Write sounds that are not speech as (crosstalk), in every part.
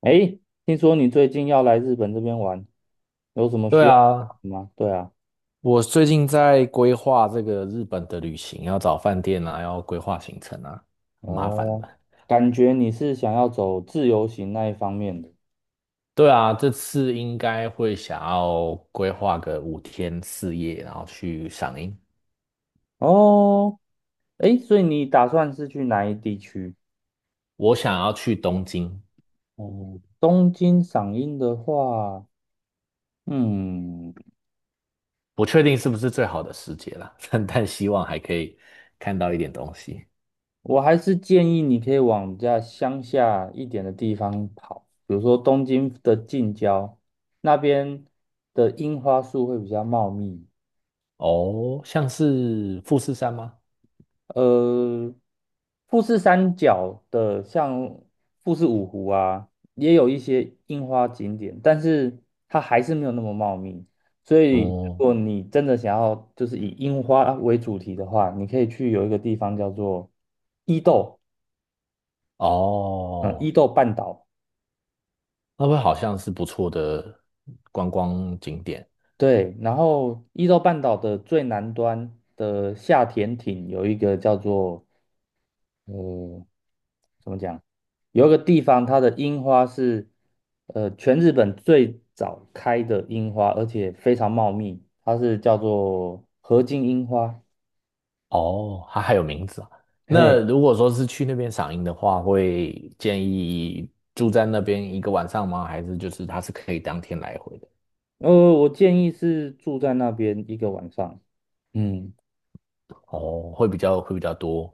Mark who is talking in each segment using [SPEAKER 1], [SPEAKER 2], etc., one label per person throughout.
[SPEAKER 1] 哎，听说你最近要来日本这边玩，有什么
[SPEAKER 2] 对
[SPEAKER 1] 需要
[SPEAKER 2] 啊，
[SPEAKER 1] 帮忙吗？对啊。
[SPEAKER 2] 我最近在规划这个日本的旅行，要找饭店啊，要规划行程啊，很麻烦
[SPEAKER 1] 哦，
[SPEAKER 2] 的。
[SPEAKER 1] 感觉你是想要走自由行那一方面的。
[SPEAKER 2] 对啊，这次应该会想要规划个五天四夜，然后去赏樱。
[SPEAKER 1] 哦，哎，所以你打算是去哪一地区？
[SPEAKER 2] 我想要去东京，
[SPEAKER 1] 哦，东京赏樱的话，嗯，
[SPEAKER 2] 不确定是不是最好的时节啦，(laughs) 但希望还可以看到一点东西。
[SPEAKER 1] 我还是建议你可以往家乡下一点的地方跑，比如说东京的近郊，那边的樱花树会比较茂密。
[SPEAKER 2] 哦，像是富士山吗？
[SPEAKER 1] 呃，富士山脚的像富士五湖啊，也有一些樱花景点，但是它还是没有那么茂密。所以，如
[SPEAKER 2] 哦
[SPEAKER 1] 果你真的想要就是以樱花为主题的话，你可以去有一个地方叫做伊豆，嗯，伊
[SPEAKER 2] 哦，
[SPEAKER 1] 豆半岛。
[SPEAKER 2] 那会好像是不错的观光景点。
[SPEAKER 1] 对，然后伊豆半岛的最南端的下田町有一个叫做呃怎么讲？有一个地方，它的樱花是全日本最早开的樱花，而且非常茂密，它是叫做河津樱花。
[SPEAKER 2] 哦，它还有名字啊。那
[SPEAKER 1] 嘿，
[SPEAKER 2] 如果说是去那边赏樱的话，会建议住在那边一个晚上吗？还是就是它是可以当天来回的？
[SPEAKER 1] 呃，我建议是住在那边一个晚上。嗯。
[SPEAKER 2] 哦，会比较多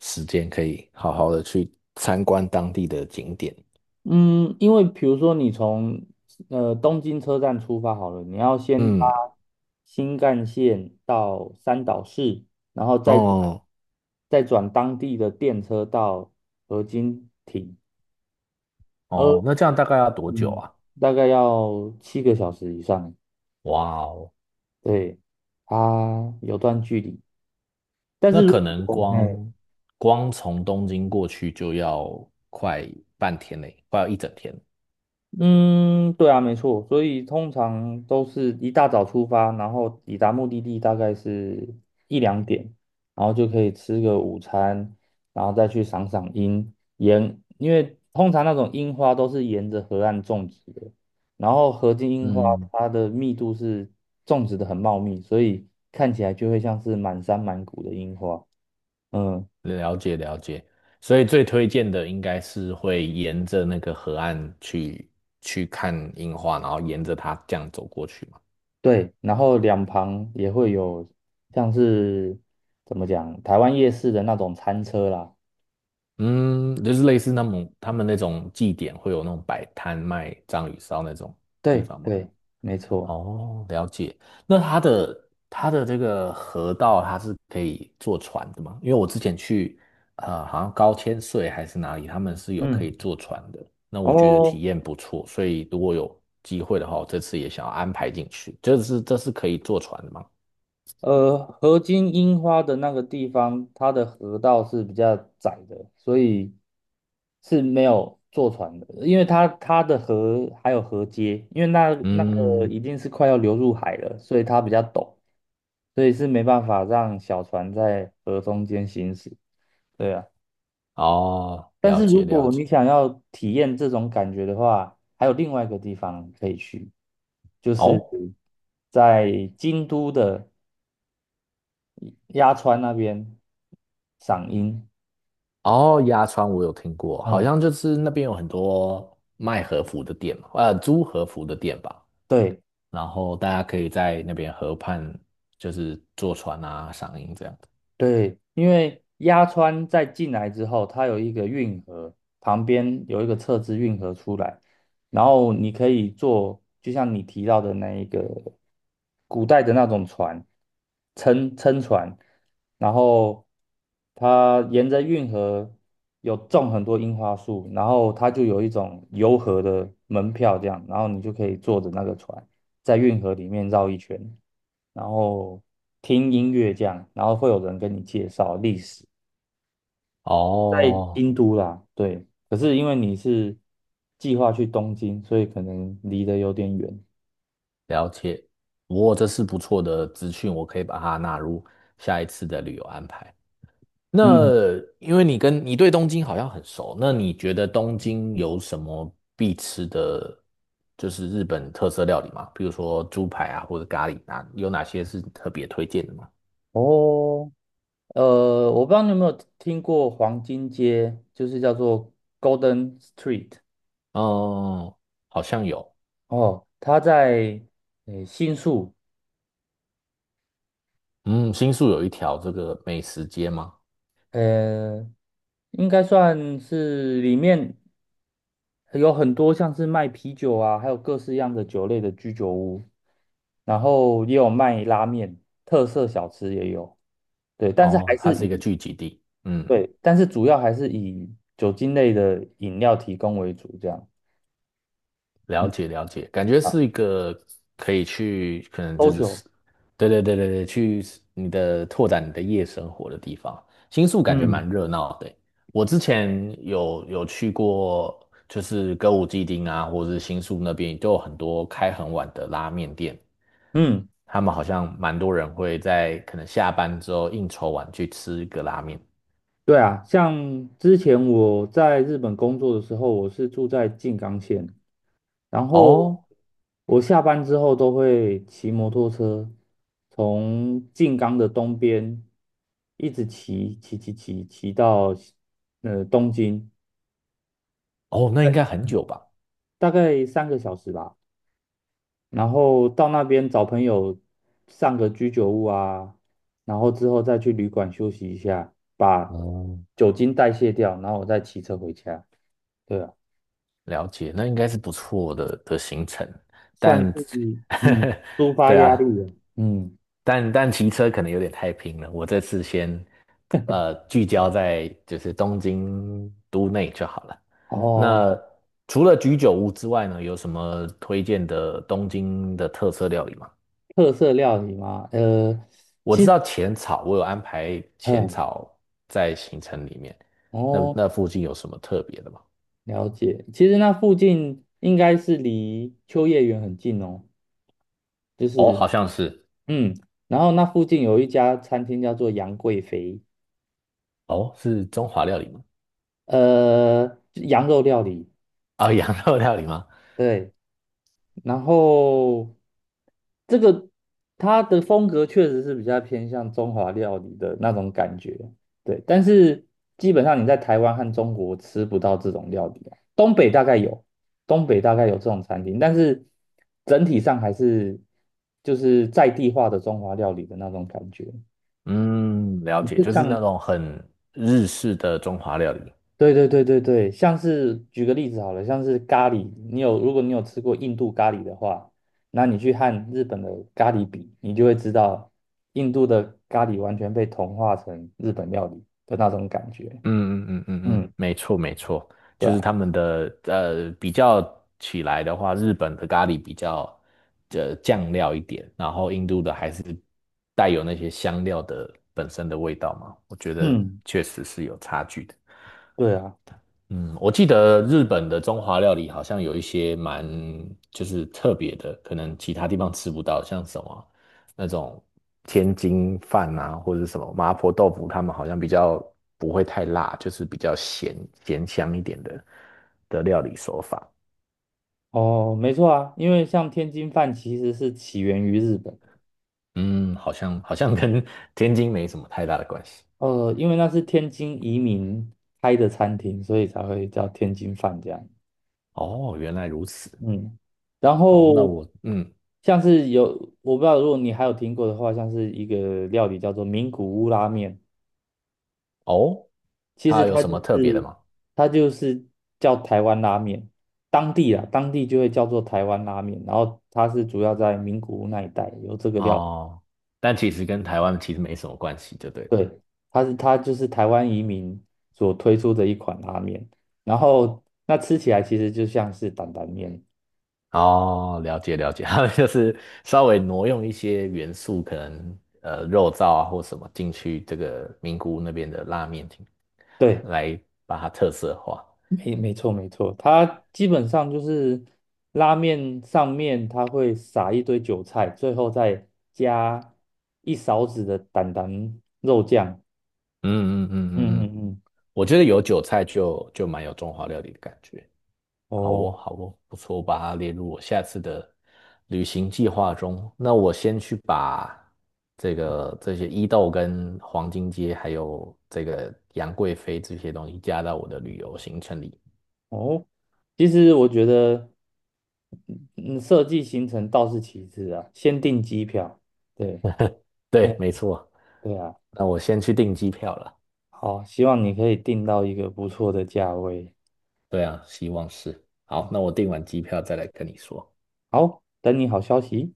[SPEAKER 2] 时间可以好好的去参观当地的景点。
[SPEAKER 1] 嗯，因为比如说你从东京车站出发好了，你要先搭
[SPEAKER 2] 嗯，
[SPEAKER 1] 新干线到三岛市，然后再转
[SPEAKER 2] 哦
[SPEAKER 1] 再转当地的电车到河津町。呃。
[SPEAKER 2] 哦，那这样大概要多久
[SPEAKER 1] 嗯，
[SPEAKER 2] 啊？
[SPEAKER 1] 大概要7个小时以上。
[SPEAKER 2] 哇哦，
[SPEAKER 1] 对，它有段距离，但
[SPEAKER 2] 那
[SPEAKER 1] 是如
[SPEAKER 2] 可能
[SPEAKER 1] 果哎，
[SPEAKER 2] 光从东京过去就要快半天嘞，快要一整天。
[SPEAKER 1] 嗯，对啊，没错，所以通常都是一大早出发，然后抵达目的地大概是一两点，然后就可以吃个午餐，然后再去赏赏樱，沿，因为通常那种樱花都是沿着河岸种植的，然后河津樱花
[SPEAKER 2] 嗯。
[SPEAKER 1] 它的密度是种植的很茂密，所以看起来就会像是满山满谷的樱花。嗯，
[SPEAKER 2] 了解了解，所以最推荐的应该是会沿着那个河岸去看樱花，然后沿着它这样走过去嘛。
[SPEAKER 1] 对，然后两旁也会有像是怎么讲，台湾夜市的那种餐车啦。
[SPEAKER 2] 嗯，就是类似那种他们那种祭典会有那种摆摊卖章鱼烧那种地
[SPEAKER 1] 对
[SPEAKER 2] 方吗？
[SPEAKER 1] 对，没错。
[SPEAKER 2] 哦，了解。那它的这个河道，它是可以坐船的吗？因为我之前去，好像高千穗还是哪里，他们是有可以
[SPEAKER 1] 嗯，
[SPEAKER 2] 坐船的。那
[SPEAKER 1] 然
[SPEAKER 2] 我觉得体
[SPEAKER 1] 后
[SPEAKER 2] 验不错，所以如果有机会的话，我这次也想要安排进去。这是可以坐船的吗？
[SPEAKER 1] 河津樱花的那个地方，它的河道是比较窄的，所以是没有坐船的，因为它的河还有河街，因为那个
[SPEAKER 2] 嗯，
[SPEAKER 1] 已经是快要流入海了，所以它比较陡，所以是没办法让小船在河中间行驶。对啊。
[SPEAKER 2] 哦，
[SPEAKER 1] 但
[SPEAKER 2] 了
[SPEAKER 1] 是
[SPEAKER 2] 解
[SPEAKER 1] 如
[SPEAKER 2] 了
[SPEAKER 1] 果你
[SPEAKER 2] 解。
[SPEAKER 1] 想要体验这种感觉的话，还有另外一个地方可以去，就是
[SPEAKER 2] 哦
[SPEAKER 1] 在京都的鸭川那边赏樱。
[SPEAKER 2] 哦，鸭川我有听过，好
[SPEAKER 1] 嗯，
[SPEAKER 2] 像就是那边有很多卖和服的店嘛租和服的店吧。
[SPEAKER 1] 对，
[SPEAKER 2] 然后大家可以在那边河畔，就是坐船啊、赏樱这样子。
[SPEAKER 1] 对，因为鸭川在进来之后，它有一个运河，旁边有一个侧支运河出来，然后你可以坐，就像你提到的那一个古代的那种船，撑撑船，然后它沿着运河有种很多樱花树，然后它就有一种游河的门票这样，然后你就可以坐着那个船。在运河里面绕一圈，然后听音乐这样，然后会有人跟你介绍历史，在
[SPEAKER 2] 哦，
[SPEAKER 1] 京都啦，对。可是因为你是计划去东京，所以可能离得有点远。
[SPEAKER 2] 了解。哇，这是不错的资讯，我可以把它纳入下一次的旅游安排。
[SPEAKER 1] 嗯，
[SPEAKER 2] 那因为你对东京好像很熟，那你觉得东京有什么必吃的，就是日本特色料理吗？比如说猪排啊，或者咖喱啊，有哪些是特别推荐的吗？
[SPEAKER 1] 哦，我不知道你有没有听过黄金街，就是叫做 Golden Street。
[SPEAKER 2] 哦，好像有。
[SPEAKER 1] 哦，它在新宿，
[SPEAKER 2] 嗯，新宿有一条这个美食街吗？
[SPEAKER 1] 呃，应该算是里面有很多像是卖啤酒啊，还有各式样的酒类的居酒屋，然后也有卖拉面，特色小吃也有。对，但是还
[SPEAKER 2] 哦，它
[SPEAKER 1] 是
[SPEAKER 2] 是一个
[SPEAKER 1] 以，
[SPEAKER 2] 聚集地。嗯，
[SPEAKER 1] 对，但是主要还是以酒精类的饮料提供为主，这样，
[SPEAKER 2] 了
[SPEAKER 1] 嗯，
[SPEAKER 2] 解了解，感觉
[SPEAKER 1] 啊
[SPEAKER 2] 是一个可以去，可能就
[SPEAKER 1] ，social，
[SPEAKER 2] 是，对对对对对，去拓展你的夜生活的地方。新宿感觉
[SPEAKER 1] 嗯
[SPEAKER 2] 蛮热闹的欸，我之前有去过，就是歌舞伎町啊，或者是新宿那边，都有很多开很晚的拉面店，
[SPEAKER 1] 嗯，
[SPEAKER 2] 他们好像蛮多人会在可能下班之后应酬完去吃一个拉面。
[SPEAKER 1] 对啊，像之前我在日本工作的时候，我是住在静冈县，然后
[SPEAKER 2] 哦
[SPEAKER 1] 我下班之后都会骑摩托车，从静冈的东边一直骑到东京，
[SPEAKER 2] 哦，那应该很久吧？
[SPEAKER 1] 大概3个小时吧。然后到那边找朋友上个居酒屋啊，然后之后再去旅馆休息一下，把
[SPEAKER 2] 哦，
[SPEAKER 1] 酒精代谢掉，然后我再骑车回家。对啊，
[SPEAKER 2] 了解，那应该是不错的行程，
[SPEAKER 1] 算是
[SPEAKER 2] 但
[SPEAKER 1] 嗯抒
[SPEAKER 2] (laughs)
[SPEAKER 1] 发
[SPEAKER 2] 对
[SPEAKER 1] 压
[SPEAKER 2] 啊，
[SPEAKER 1] 力啊。嗯，
[SPEAKER 2] 但骑车可能有点太拼了。我这次先聚焦在就是东京都内就好了。
[SPEAKER 1] 哦。
[SPEAKER 2] 那除了居酒屋之外呢，有什么推荐的东京的特色料理吗？
[SPEAKER 1] 特色料理吗？呃，
[SPEAKER 2] 我知道浅草，我有安排浅
[SPEAKER 1] 嗯，
[SPEAKER 2] 草在行程里面。那
[SPEAKER 1] 哦，
[SPEAKER 2] 附近有什么特别的吗？
[SPEAKER 1] 了解。其实那附近应该是离秋叶原很近哦，就
[SPEAKER 2] 哦，
[SPEAKER 1] 是，
[SPEAKER 2] 好像是，
[SPEAKER 1] 嗯，然后那附近有一家餐厅叫做杨贵妃，
[SPEAKER 2] 哦，是中华料理吗？
[SPEAKER 1] 羊肉料理，
[SPEAKER 2] 啊、(laughs) 羊肉料理吗？
[SPEAKER 1] 对。然后这个它的风格确实是比较偏向中华料理的那种感觉，对。但是基本上你在台湾和中国吃不到这种料理啊东北大概有，东北大概有这种餐厅，但是整体上还是就是在地化的中华料理的那种感觉。
[SPEAKER 2] 嗯，了
[SPEAKER 1] 你
[SPEAKER 2] 解，
[SPEAKER 1] 就
[SPEAKER 2] 就是那
[SPEAKER 1] 像
[SPEAKER 2] 种很日式的中华料理。
[SPEAKER 1] 对对对对对，像是举个例子好了，像是咖喱，如果你有吃过印度咖喱的话，那你去和日本的咖喱比，你就会知道印度的咖喱完全被同化成日本料理的那种感觉。
[SPEAKER 2] 嗯嗯嗯嗯嗯，
[SPEAKER 1] 嗯，
[SPEAKER 2] 没错没错，
[SPEAKER 1] 对
[SPEAKER 2] 就是
[SPEAKER 1] 啊，
[SPEAKER 2] 他们的比较起来的话，日本的咖喱比较酱料一点，然后印度的还是带有那些香料的本身的味道嘛，我觉得
[SPEAKER 1] 嗯，
[SPEAKER 2] 确实是有差距的。
[SPEAKER 1] 对啊，
[SPEAKER 2] 嗯，我记得日本的中华料理好像有一些蛮就是特别的，可能其他地方吃不到，像什么那种天津饭啊，或者是什么麻婆豆腐，他们好像比较不会太辣，就是比较咸香一点的料理手法。
[SPEAKER 1] 哦，没错啊，因为像天津饭其实是起源于日本，
[SPEAKER 2] 嗯，好像跟天津没什么太大的关系。
[SPEAKER 1] 因为那是天津移民开的餐厅，所以才会叫天津饭这样。
[SPEAKER 2] 哦，原来如此。
[SPEAKER 1] 嗯，然
[SPEAKER 2] 好，那
[SPEAKER 1] 后
[SPEAKER 2] 我嗯，
[SPEAKER 1] 像是有，我不知道如果你还有听过的话，像是一个料理叫做名古屋拉面，
[SPEAKER 2] 哦，
[SPEAKER 1] 其实
[SPEAKER 2] 它有
[SPEAKER 1] 它
[SPEAKER 2] 什
[SPEAKER 1] 就
[SPEAKER 2] 么特别的
[SPEAKER 1] 是
[SPEAKER 2] 吗？
[SPEAKER 1] 它就是叫台湾拉面，当地啊当地就会叫做台湾拉面，然后它是主要在名古屋那一带有这个料理。
[SPEAKER 2] 哦，但其实跟台湾其实没什么关系，就对了。
[SPEAKER 1] 对，它就是台湾移民所推出的一款拉面，然后那吃起来其实就像是担担面。
[SPEAKER 2] 哦，了解了解，(laughs) 他们就是稍微挪用一些元素，可能肉燥啊或什么进去这个名古屋那边的拉面厅，
[SPEAKER 1] 对。
[SPEAKER 2] 来把它特色化。
[SPEAKER 1] 没错没错，它基本上就是拉面上面它会撒一堆韭菜，最后再加一勺子的蛋蛋肉酱。
[SPEAKER 2] 嗯嗯嗯
[SPEAKER 1] 嗯
[SPEAKER 2] 嗯
[SPEAKER 1] 嗯
[SPEAKER 2] 嗯，
[SPEAKER 1] 嗯，
[SPEAKER 2] 我觉得有韭菜就蛮有中华料理的感觉。好
[SPEAKER 1] 哦
[SPEAKER 2] 哦好哦，不错，我把它列入我下次的旅行计划中。那我先去把这些伊豆跟黄金街还有这个杨贵妃这些东西加到我的旅游行程里。
[SPEAKER 1] 哦，其实我觉得嗯，设计行程倒是其次啊，先订机票。对，
[SPEAKER 2] 对，
[SPEAKER 1] 哎，
[SPEAKER 2] 没错。
[SPEAKER 1] 对啊。
[SPEAKER 2] 那我先去订机票了。
[SPEAKER 1] 好，希望你可以订到一个不错的价位。
[SPEAKER 2] 对啊，希望是。好，
[SPEAKER 1] 好，
[SPEAKER 2] 那我订完机票再来跟你说。
[SPEAKER 1] 好，等你好消息。